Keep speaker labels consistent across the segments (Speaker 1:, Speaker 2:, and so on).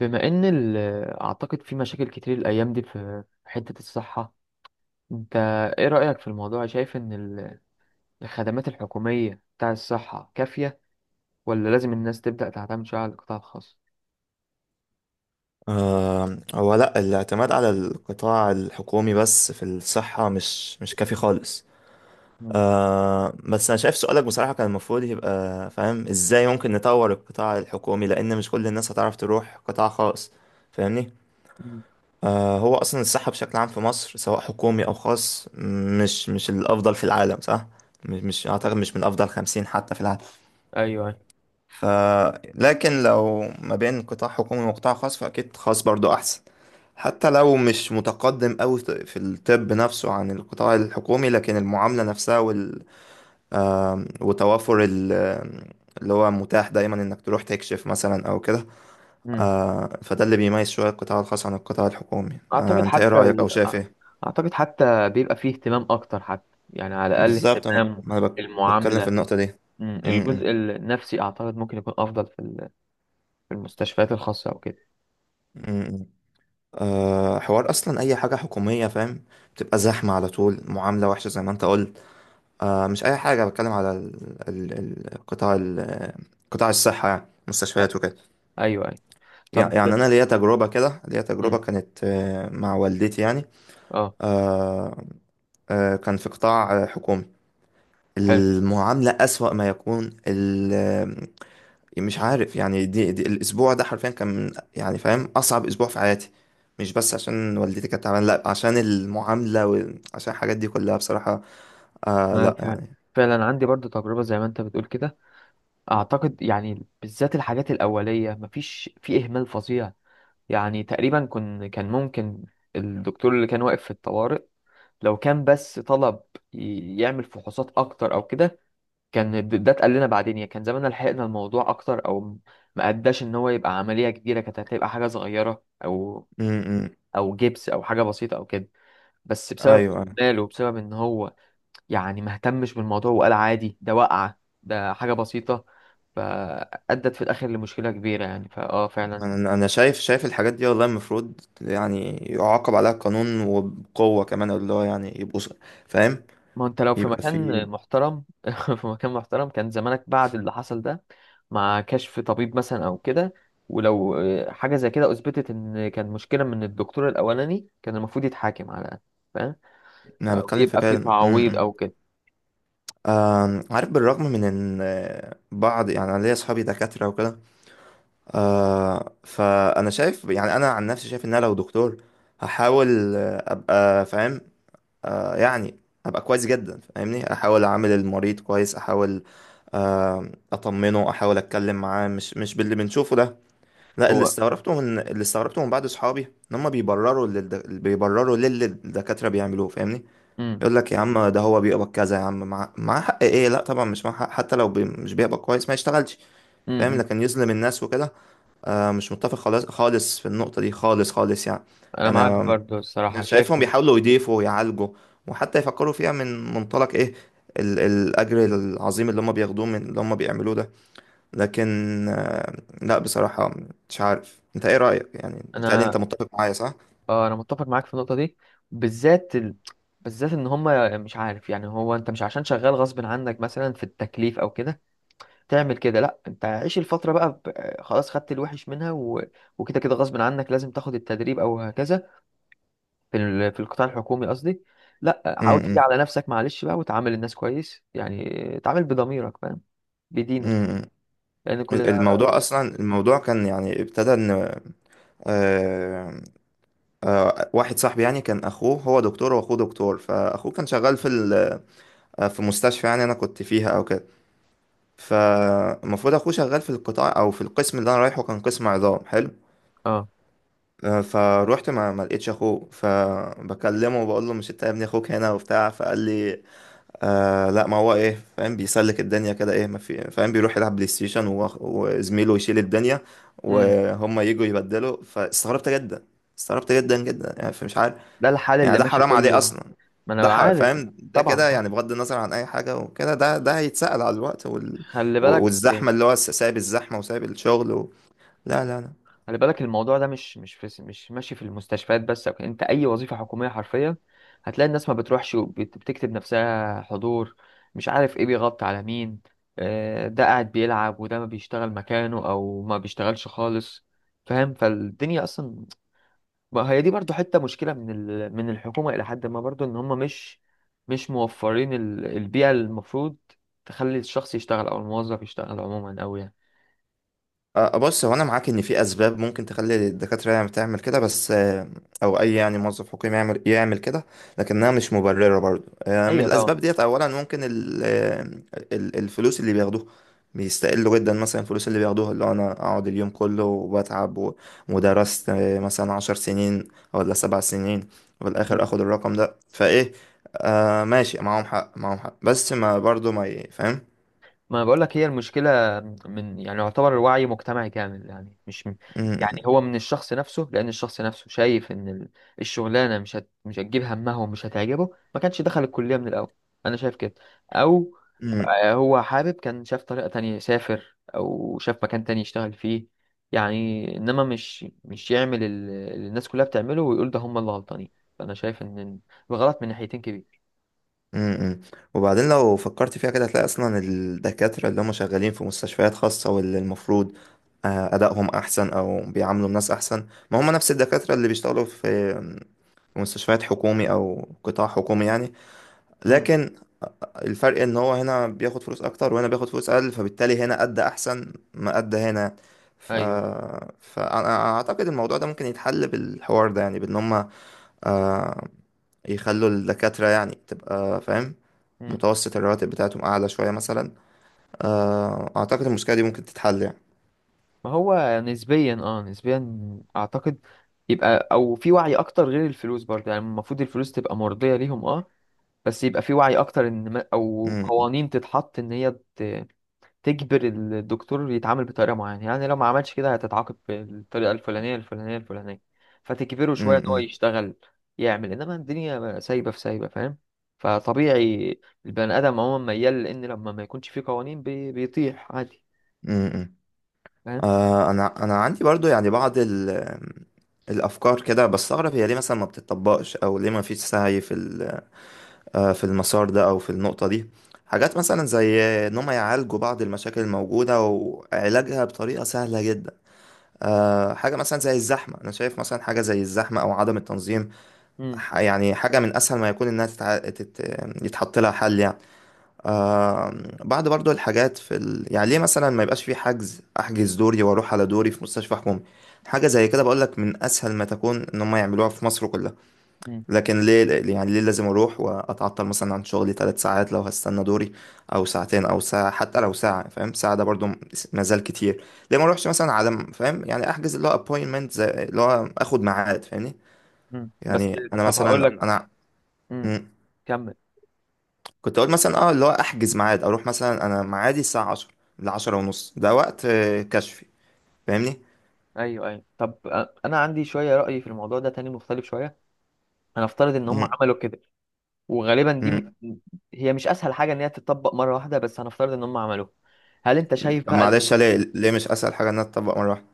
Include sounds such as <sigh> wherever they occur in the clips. Speaker 1: بما ان ال- اعتقد في مشاكل كتير الايام دي في حتة الصحة. انت ايه رأيك في الموضوع؟ شايف الخدمات الحكومية بتاع الصحة كافية، ولا لازم الناس تبدأ تعتمد شوية على القطاع الخاص؟
Speaker 2: هو لا، الاعتماد على القطاع الحكومي بس في الصحة مش كافي خالص.
Speaker 1: مم.
Speaker 2: بس أنا شايف سؤالك بصراحة كان المفروض يبقى فاهم إزاي ممكن نطور القطاع الحكومي، لأن مش كل الناس هتعرف تروح قطاع خاص. فاهمني؟
Speaker 1: مم.
Speaker 2: هو أصلا الصحة بشكل عام في مصر، سواء حكومي أو خاص، مش الأفضل في العالم، صح؟ مش أعتقد مش من أفضل 50 حتى في العالم.
Speaker 1: ايوه أيوة.
Speaker 2: ف لكن لو ما بين قطاع حكومي وقطاع خاص فأكيد خاص برضو أحسن. حتى لو مش متقدم أوي في الطب نفسه عن القطاع الحكومي، لكن المعاملة نفسها وال... وتوافر ال... آم، اللي هو متاح دايما انك تروح تكشف مثلا او كده.
Speaker 1: مم.
Speaker 2: فده اللي بيميز شوية القطاع الخاص عن القطاع الحكومي.
Speaker 1: اعتقد
Speaker 2: انت ايه
Speaker 1: حتى
Speaker 2: رأيك
Speaker 1: ال...
Speaker 2: او شايف ايه؟
Speaker 1: اعتقد حتى بيبقى فيه اهتمام اكتر، حتى يعني على الاقل
Speaker 2: بالظبط، أنا-
Speaker 1: اهتمام
Speaker 2: ما انا بك- بتكلم في
Speaker 1: المعاملة.
Speaker 2: النقطة دي.
Speaker 1: مم.
Speaker 2: م- م-
Speaker 1: الجزء النفسي اعتقد ممكن يكون افضل في المستشفيات الخاصة او كده.
Speaker 2: م- حوار، اصلا اي حاجة حكومية، فاهم؟ بتبقى زحمة على طول، معاملة وحشة زي ما انت قلت. مش أي حاجة، بتكلم على قطاع قطاع الصحة يعني
Speaker 1: أ-
Speaker 2: مستشفيات وكده.
Speaker 1: ايوه ايوه.
Speaker 2: يع-
Speaker 1: طب.
Speaker 2: يعني أنا ليا تجربة كده، ليا تجربة
Speaker 1: مم.
Speaker 2: كانت مع والدتي يعني.
Speaker 1: اه.
Speaker 2: آه كان في قطاع حكومي.
Speaker 1: حلو.
Speaker 2: المعاملة أسوأ ما يكون مش عارف يعني، دي الأسبوع ده حرفيا كان يعني فاهم، أصعب أسبوع في حياتي. مش بس عشان والدتي كانت تعبانة، لأ، عشان المعاملة وعشان الحاجات دي كلها بصراحة.
Speaker 1: أنا
Speaker 2: لأ
Speaker 1: فعلا
Speaker 2: يعني.
Speaker 1: فعلا عندي برضو تجربة زي ما انت بتقول كده. اعتقد يعني بالذات الحاجات الاولية مفيش في اهمال فظيع. يعني تقريبا كان ممكن الدكتور اللي كان واقف في الطوارئ لو كان بس طلب يعمل فحوصات اكتر او كده. كان ده اتقال لنا بعدين، يعني كان زماننا لحقنا الموضوع اكتر ما اداش ان هو يبقى عملية كبيرة، كانت هتبقى حاجة صغيرة، او
Speaker 2: م -م.
Speaker 1: او جبس او حاجة بسيطة او كده. بس بسبب
Speaker 2: أيوه.
Speaker 1: ماله وبسبب ان هو يعني ما اهتمش بالموضوع، وقال عادي ده وقعة، ده حاجة بسيطة. فأدت في الآخر لمشكلة كبيرة يعني، فعلا.
Speaker 2: انا شايف الحاجات دي، والله المفروض يعني يعاقب عليها القانون، وبقوه كمان، اللي هو يعني يبقوا فاهم؟
Speaker 1: ما أنت لو في
Speaker 2: يبقى في.
Speaker 1: مكان محترم <laughs> في مكان محترم كان زمانك بعد اللي حصل ده مع كشف طبيب مثلا أو كده، ولو حاجة زي كده أثبتت إن كان مشكلة من الدكتور الأولاني، كان المفروض يتحاكم على الأقل. فاهم.
Speaker 2: انا
Speaker 1: أو
Speaker 2: بتكلم في
Speaker 1: يبقى في
Speaker 2: كده. م-
Speaker 1: تعويض
Speaker 2: م.
Speaker 1: أو كده.
Speaker 2: عارف، بالرغم من ان بعض يعني، انا ليا اصحابي دكاتره وكده. فانا شايف يعني، انا عن نفسي شايف ان انا لو دكتور هحاول ابقى فاهم، يعني ابقى كويس جدا فاهمني، احاول اعامل المريض كويس، احاول اطمنه، احاول اتكلم معاه، مش باللي بنشوفه ده. لا، اللي
Speaker 1: هو
Speaker 2: استغربته من بعض اصحابي ان هم بيبرروا بيبرروا للي الدكاتره بيعملوه، فاهمني.
Speaker 1: امم،
Speaker 2: يقول لك يا عم ده هو بيقبض كذا، يا عم مع حق، ايه لا طبعا مش مع حق، حتى لو مش بيقبض كويس ما يشتغلش.
Speaker 1: امم،
Speaker 2: فاهم. لكن يظلم الناس وكده. مش متفق خالص خالص في النقطه دي، خالص خالص يعني.
Speaker 1: أنا معاك
Speaker 2: يعني،
Speaker 1: برضو
Speaker 2: أنا
Speaker 1: الصراحة،
Speaker 2: شايفهم
Speaker 1: شايف.
Speaker 2: بيحاولوا يضيفوا ويعالجوا، وحتى يفكروا فيها من منطلق ايه، الاجر العظيم اللي هم بياخدوه من اللي هم بيعملوه ده. لكن آه، لا بصراحة، مش عارف انت ايه رأيك، يعني متهيألي انت
Speaker 1: أنا
Speaker 2: متفق معايا صح؟
Speaker 1: اه انا متفق معاك في النقطه دي، بالذات ال... بالذات ان هم، مش عارف، يعني هو انت مش عشان شغال غصب عنك مثلا في التكليف او كده تعمل كده. لا، انت عيش الفتره بقى خلاص خدت الوحش منها، و... وكده كده غصب عنك لازم تاخد التدريب او هكذا. في القطاع الحكومي قصدي. لا، حاول تيجي
Speaker 2: امم
Speaker 1: على نفسك معلش بقى، وتعامل الناس كويس يعني. اتعامل بضميرك، فاهم؟ بدينك.
Speaker 2: امم
Speaker 1: لان كل ده.
Speaker 2: الموضوع اصلا، الموضوع كان يعني ابتدى ان آه، واحد صاحبي يعني، كان اخوه هو دكتور، واخوه دكتور، فاخوه كان شغال في في مستشفى، يعني انا كنت فيها او كده. فالمفروض اخوه شغال في القطاع او في القسم اللي انا رايحه، كان قسم عظام. حلو.
Speaker 1: اه،
Speaker 2: فروحت ما لقيتش اخوه، فبكلمه وبقول له: مش انت يا ابني اخوك هنا وبتاع؟ فقال لي لا، ما هو ايه فاهم، بيسلك الدنيا كده، ايه ما في فاهم، بيروح يلعب بلاي ستيشن و- وزميله يشيل الدنيا،
Speaker 1: امم.
Speaker 2: وهم يجوا يبدلوا. فاستغربت جدا، استغربت جدا جدا يعني، فمش عارف.
Speaker 1: ده الحال
Speaker 2: يعني
Speaker 1: اللي
Speaker 2: ده
Speaker 1: ماشي
Speaker 2: حرام عليه
Speaker 1: كله.
Speaker 2: اصلا.
Speaker 1: ما انا عارف.
Speaker 2: فاهم ده
Speaker 1: طبعا
Speaker 2: كده
Speaker 1: طبعا.
Speaker 2: يعني، بغض النظر عن اي حاجه وكده، ده هيتسأل على الوقت وال...
Speaker 1: خلي
Speaker 2: و-
Speaker 1: بالك.
Speaker 2: والزحمه، اللي هو سايب الزحمه وسايب الشغل لا لا لا.
Speaker 1: الموضوع ده مش ماشي في المستشفيات بس أو كده. انت اي وظيفه حكوميه حرفيا هتلاقي الناس ما بتروحش وبتكتب نفسها حضور. مش عارف ايه بيغطي على مين، ده قاعد بيلعب، وده ما بيشتغل مكانه او ما بيشتغلش خالص. فاهم؟ فالدنيا اصلا، ما هي دي برضو حته مشكله من الحكومه الى حد ما، برضو ان هم مش موفرين البيئه اللي المفروض تخلي الشخص يشتغل او الموظف يشتغل عموما أوي يعني.
Speaker 2: بص، هو انا معاك ان في اسباب ممكن تخلي الدكاتره يعني تعمل كده، بس او اي يعني موظف حكومي يعمل كده. لكنها مش مبرره برضو. من
Speaker 1: ايوه طبعا.
Speaker 2: الاسباب ديت، اولا ممكن الفلوس اللي بياخدوها، بيستقلوا جدا مثلا الفلوس اللي بياخدوها، اللي هو انا اقعد اليوم كله وبتعب ودرست مثلا 10 سنين ولا 7 سنين، وفي الاخر اخد الرقم ده؟ فايه؟ ماشي، معاهم حق معاهم حق، بس ما برضو ما ي- فاهم؟
Speaker 1: ما بقول لك، هي المشكلة من يعني يعتبر الوعي مجتمعي كامل، يعني مش من، يعني
Speaker 2: م-
Speaker 1: هو من الشخص نفسه. لأن الشخص نفسه شايف إن الشغلانة مش هتجيب همها ومش هتعجبه، ما كانش دخل الكلية من الأول. أنا شايف كده. أو
Speaker 2: م-
Speaker 1: هو حابب كان شاف طريقة تانية يسافر، أو شاف مكان تاني يشتغل فيه. يعني إنما مش يعمل اللي الناس كلها بتعمله، ويقول ده هم اللي غلطانين. فأنا شايف إن الغلط من ناحيتين كبير.
Speaker 2: امم وبعدين لو فكرت فيها كده هتلاقي اصلا الدكاترة اللي هم شغالين في مستشفيات خاصة واللي المفروض ادائهم احسن او بيعاملوا الناس احسن، ما هم نفس الدكاترة اللي بيشتغلوا في مستشفيات حكومي او قطاع حكومي يعني.
Speaker 1: امم.
Speaker 2: لكن الفرق ان هو هنا بياخد فلوس اكتر وهنا بياخد فلوس اقل، فبالتالي هنا ادى احسن ما ادى هنا. ف...
Speaker 1: أيوه.
Speaker 2: فانا اعتقد الموضوع ده ممكن يتحل بالحوار ده، يعني بان هم آه، يخلوا الدكاترة يعني تبقى فاهم،
Speaker 1: مم.
Speaker 2: متوسط الرواتب بتاعتهم أعلى شوية مثلا. أعتقد المشكلة دي ممكن تتحل يعني.
Speaker 1: ما هو نسبيا، نسبيا اعتقد يبقى او في وعي اكتر غير الفلوس برضه، يعني المفروض الفلوس تبقى مرضية ليهم بس يبقى في وعي اكتر، ان ما او
Speaker 2: م-
Speaker 1: قوانين تتحط ان هي تجبر الدكتور يتعامل بطريقة معينة. يعني لو ما عملش كده هتتعاقب بالطريقة الفلانية الفلانية الفلانية، فتجبره
Speaker 2: م-
Speaker 1: شوية ان هو
Speaker 2: م-
Speaker 1: يشتغل يعمل. انما الدنيا سايبة في سايبة، فاهم؟ فطبيعي البني ادم عموما ميال لان لما ما يكونش فيه قوانين بيطيح عادي.
Speaker 2: م- م.
Speaker 1: فاهم؟
Speaker 2: أنا عندي برضو يعني بعض الأفكار كده، بستغرب هي ليه مثلا ما بتطبقش، أو ليه ما فيش سعي في في المسار ده أو في النقطة دي. حاجات مثلا زي إن هم يعالجوا بعض المشاكل الموجودة وعلاجها بطريقة سهلة جدا. حاجة مثلا زي الزحمة، أنا شايف مثلا حاجة زي الزحمة أو عدم التنظيم.
Speaker 1: مم.
Speaker 2: يعني حاجة من أسهل ما يكون إنها يتحط لها حل يعني. آه بعد برضو الحاجات في يعني ليه مثلا ما يبقاش في حجز؟ أحجز دوري وأروح على دوري في مستشفى حكومي، حاجة زي كده بقولك من أسهل ما تكون إن هم يعملوها في مصر كلها. لكن ليه؟ يعني ليه لازم أروح وأتعطل مثلا عن شغلي 3 ساعات لو هستنى دوري؟ أو ساعتين أو ساعة، حتى لو ساعة فاهم، ساعة ده برضو مازال كتير. ليه ما أروحش مثلا على فاهم، يعني أحجز اللي هو أبوينتمنت، زي اللي هو آخد ميعاد، فاهمني؟
Speaker 1: مم. بس.
Speaker 2: يعني أنا
Speaker 1: طب هقول
Speaker 2: مثلا،
Speaker 1: لك. مم. كمل.
Speaker 2: كنت اقول مثلا اللي هو احجز ميعاد، اروح مثلا، انا ميعادي الساعه 10 ل 10 ونص، ده وقت كشفي، فاهمني؟
Speaker 1: ايوه ايوه طب، انا عندي شويه راي في الموضوع ده تاني مختلف شويه. هنفترض ان هم
Speaker 2: مم.
Speaker 1: عملوا كده، وغالبا دي م...
Speaker 2: مم.
Speaker 1: هي مش اسهل حاجه ان هي تتطبق مره واحده، بس هنفترض ان هم عملوها. هل انت شايف
Speaker 2: طب
Speaker 1: بقى
Speaker 2: معلش، ليه مش اسهل حاجه ان أنا اطبق مره واحده؟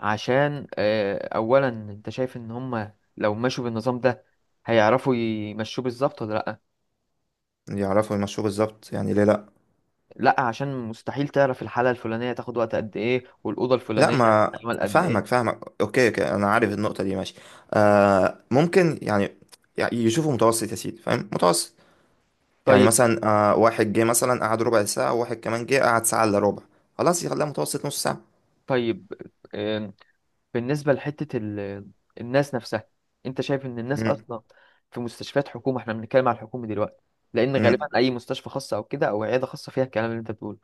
Speaker 1: عشان اولا انت شايف ان هم لو مشوا بالنظام ده هيعرفوا يمشوه بالظبط ولا لا؟
Speaker 2: يعرفوا يمشوه بالظبط، يعني ليه لا؟
Speaker 1: لا عشان مستحيل تعرف الحاله الفلانيه تاخد وقت قد ايه، والاوضه
Speaker 2: لا
Speaker 1: الفلانيه
Speaker 2: ما،
Speaker 1: تعمل قد ايه.
Speaker 2: فاهمك فاهمك، اوكي اوكي، انا عارف النقطه دي، ماشي. ممكن يعني، يشوفوا متوسط يا سيدي، فاهم؟ متوسط. يعني
Speaker 1: طيب.
Speaker 2: مثلا، واحد جه مثلا قعد ربع ساعه، وواحد كمان جه قعد ساعه الا ربع، خلاص يخليها متوسط نص ساعه.
Speaker 1: طيب. بالنسبة لحتة الناس نفسها، انت شايف ان الناس اصلا في مستشفيات حكومة، احنا بنتكلم على الحكومة دلوقتي، لان
Speaker 2: مم.
Speaker 1: غالبا اي مستشفى خاصة او كده او عيادة خاصة فيها الكلام اللي انت بتقوله.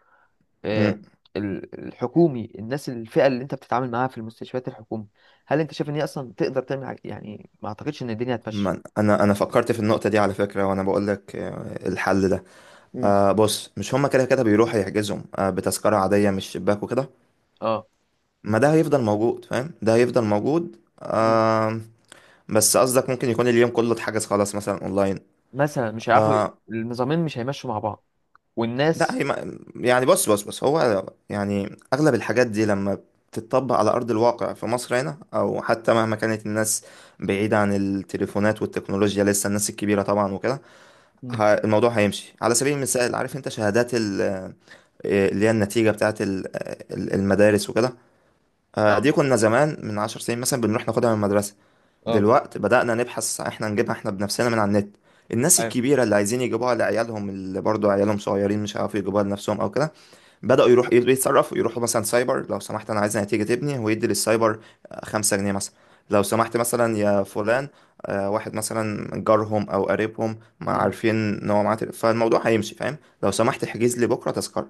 Speaker 1: آه،
Speaker 2: مم.
Speaker 1: الحكومي، الناس الفئة اللي انت بتتعامل معاها في المستشفيات الحكومية، هل انت شايف ان هي اصلا تقدر تعمل حاجة؟ يعني ما اعتقدش ان الدنيا هتمشي.
Speaker 2: ما انا، فكرت في النقطه دي على فكره وانا بقول لك الحل ده.
Speaker 1: مم.
Speaker 2: بص، مش هما كده كده بيروحوا يحجزهم بتذكره عاديه مش شباك وكده؟
Speaker 1: اه.
Speaker 2: ما ده هيفضل موجود، فاهم، ده هيفضل موجود.
Speaker 1: مم.
Speaker 2: بس قصدك ممكن يكون اليوم كله اتحجز خلاص مثلا اونلاين.
Speaker 1: مثلا مش هيعرفوا،
Speaker 2: آه
Speaker 1: النظامين مش هيمشوا مع بعض
Speaker 2: لا
Speaker 1: والناس.
Speaker 2: هي ما يعني، بص بص بص، هو يعني اغلب الحاجات دي لما بتتطبق على ارض الواقع في مصر هنا، او حتى مهما كانت الناس بعيده عن التليفونات والتكنولوجيا لسه، الناس الكبيره طبعا وكده،
Speaker 1: مم.
Speaker 2: الموضوع هيمشي. على سبيل المثال، عارف انت شهادات اللي هي النتيجة بتاعت المدارس وكده،
Speaker 1: اه،
Speaker 2: دي كنا زمان من 10 سنين مثلا بنروح ناخدها من المدرسة.
Speaker 1: اه.
Speaker 2: دلوقتي بدأنا نبحث احنا نجيبها احنا بنفسنا من على النت. الناس
Speaker 1: ايوه.
Speaker 2: الكبيرة اللي عايزين يجيبوها لعيالهم، اللي برضو عيالهم صغيرين مش عارفين يجيبوها لنفسهم او كده، بدأوا يروح يتصرفوا، يروحوا مثلا سايبر: لو سمحت أنا عايز نتيجة تبني، ويدي للسايبر 5 جنيه مثلا. لو سمحت مثلا يا فلان، واحد مثلا جارهم أو قريبهم ما
Speaker 1: مم.
Speaker 2: عارفين إن هو معاه فالموضوع هيمشي فاهم؟ لو سمحت احجز لي بكرة تذكرة.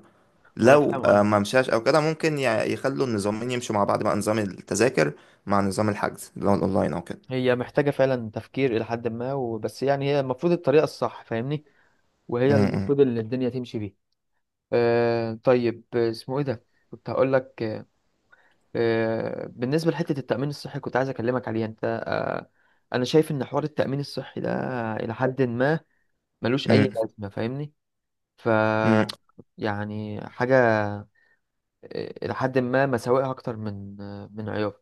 Speaker 1: انا
Speaker 2: لو
Speaker 1: فاهم.
Speaker 2: ما مشاش أو كده ممكن يخلوا النظامين يمشوا مع بعض، بقى نظام التذاكر مع نظام الحجز اللي هو الأونلاين أو كده.
Speaker 1: هي محتاجة فعلا تفكير إلى حد ما وبس، يعني هي المفروض الطريقة الصح، فاهمني،
Speaker 2: م-
Speaker 1: وهي
Speaker 2: م-
Speaker 1: المفروض اللي الدنيا تمشي بيها. آه طيب، اسمه إيه ده، كنت هقول لك بالنسبة لحتة التأمين الصحي كنت عايز أكلمك عليها أنت أنا شايف إن حوار التأمين الصحي ده إلى حد ما ملوش أي
Speaker 2: م-
Speaker 1: لازمة، فاهمني. ف
Speaker 2: م-
Speaker 1: يعني حاجة، إلى حد ما مساوئها أكتر من من عيوبها.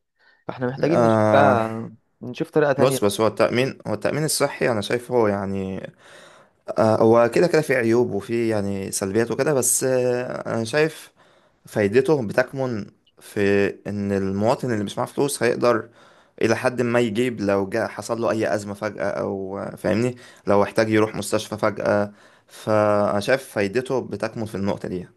Speaker 1: فإحنا محتاجين نشوف
Speaker 2: آه،
Speaker 1: بقى، نشوف طريقة
Speaker 2: بص،
Speaker 1: تانية
Speaker 2: بس هو التأمين الصحي أنا شايفه يعني، هو كده كده في عيوب وفي يعني سلبيات وكده، بس انا شايف فايدته بتكمن في ان المواطن اللي مش معاه فلوس هيقدر الى حد ما يجيب، لو جاء حصل له اي ازمة فجأة او فاهمني. لو احتاج يروح مستشفى فجأة، فانا شايف فايدته بتكمن في النقطة دي.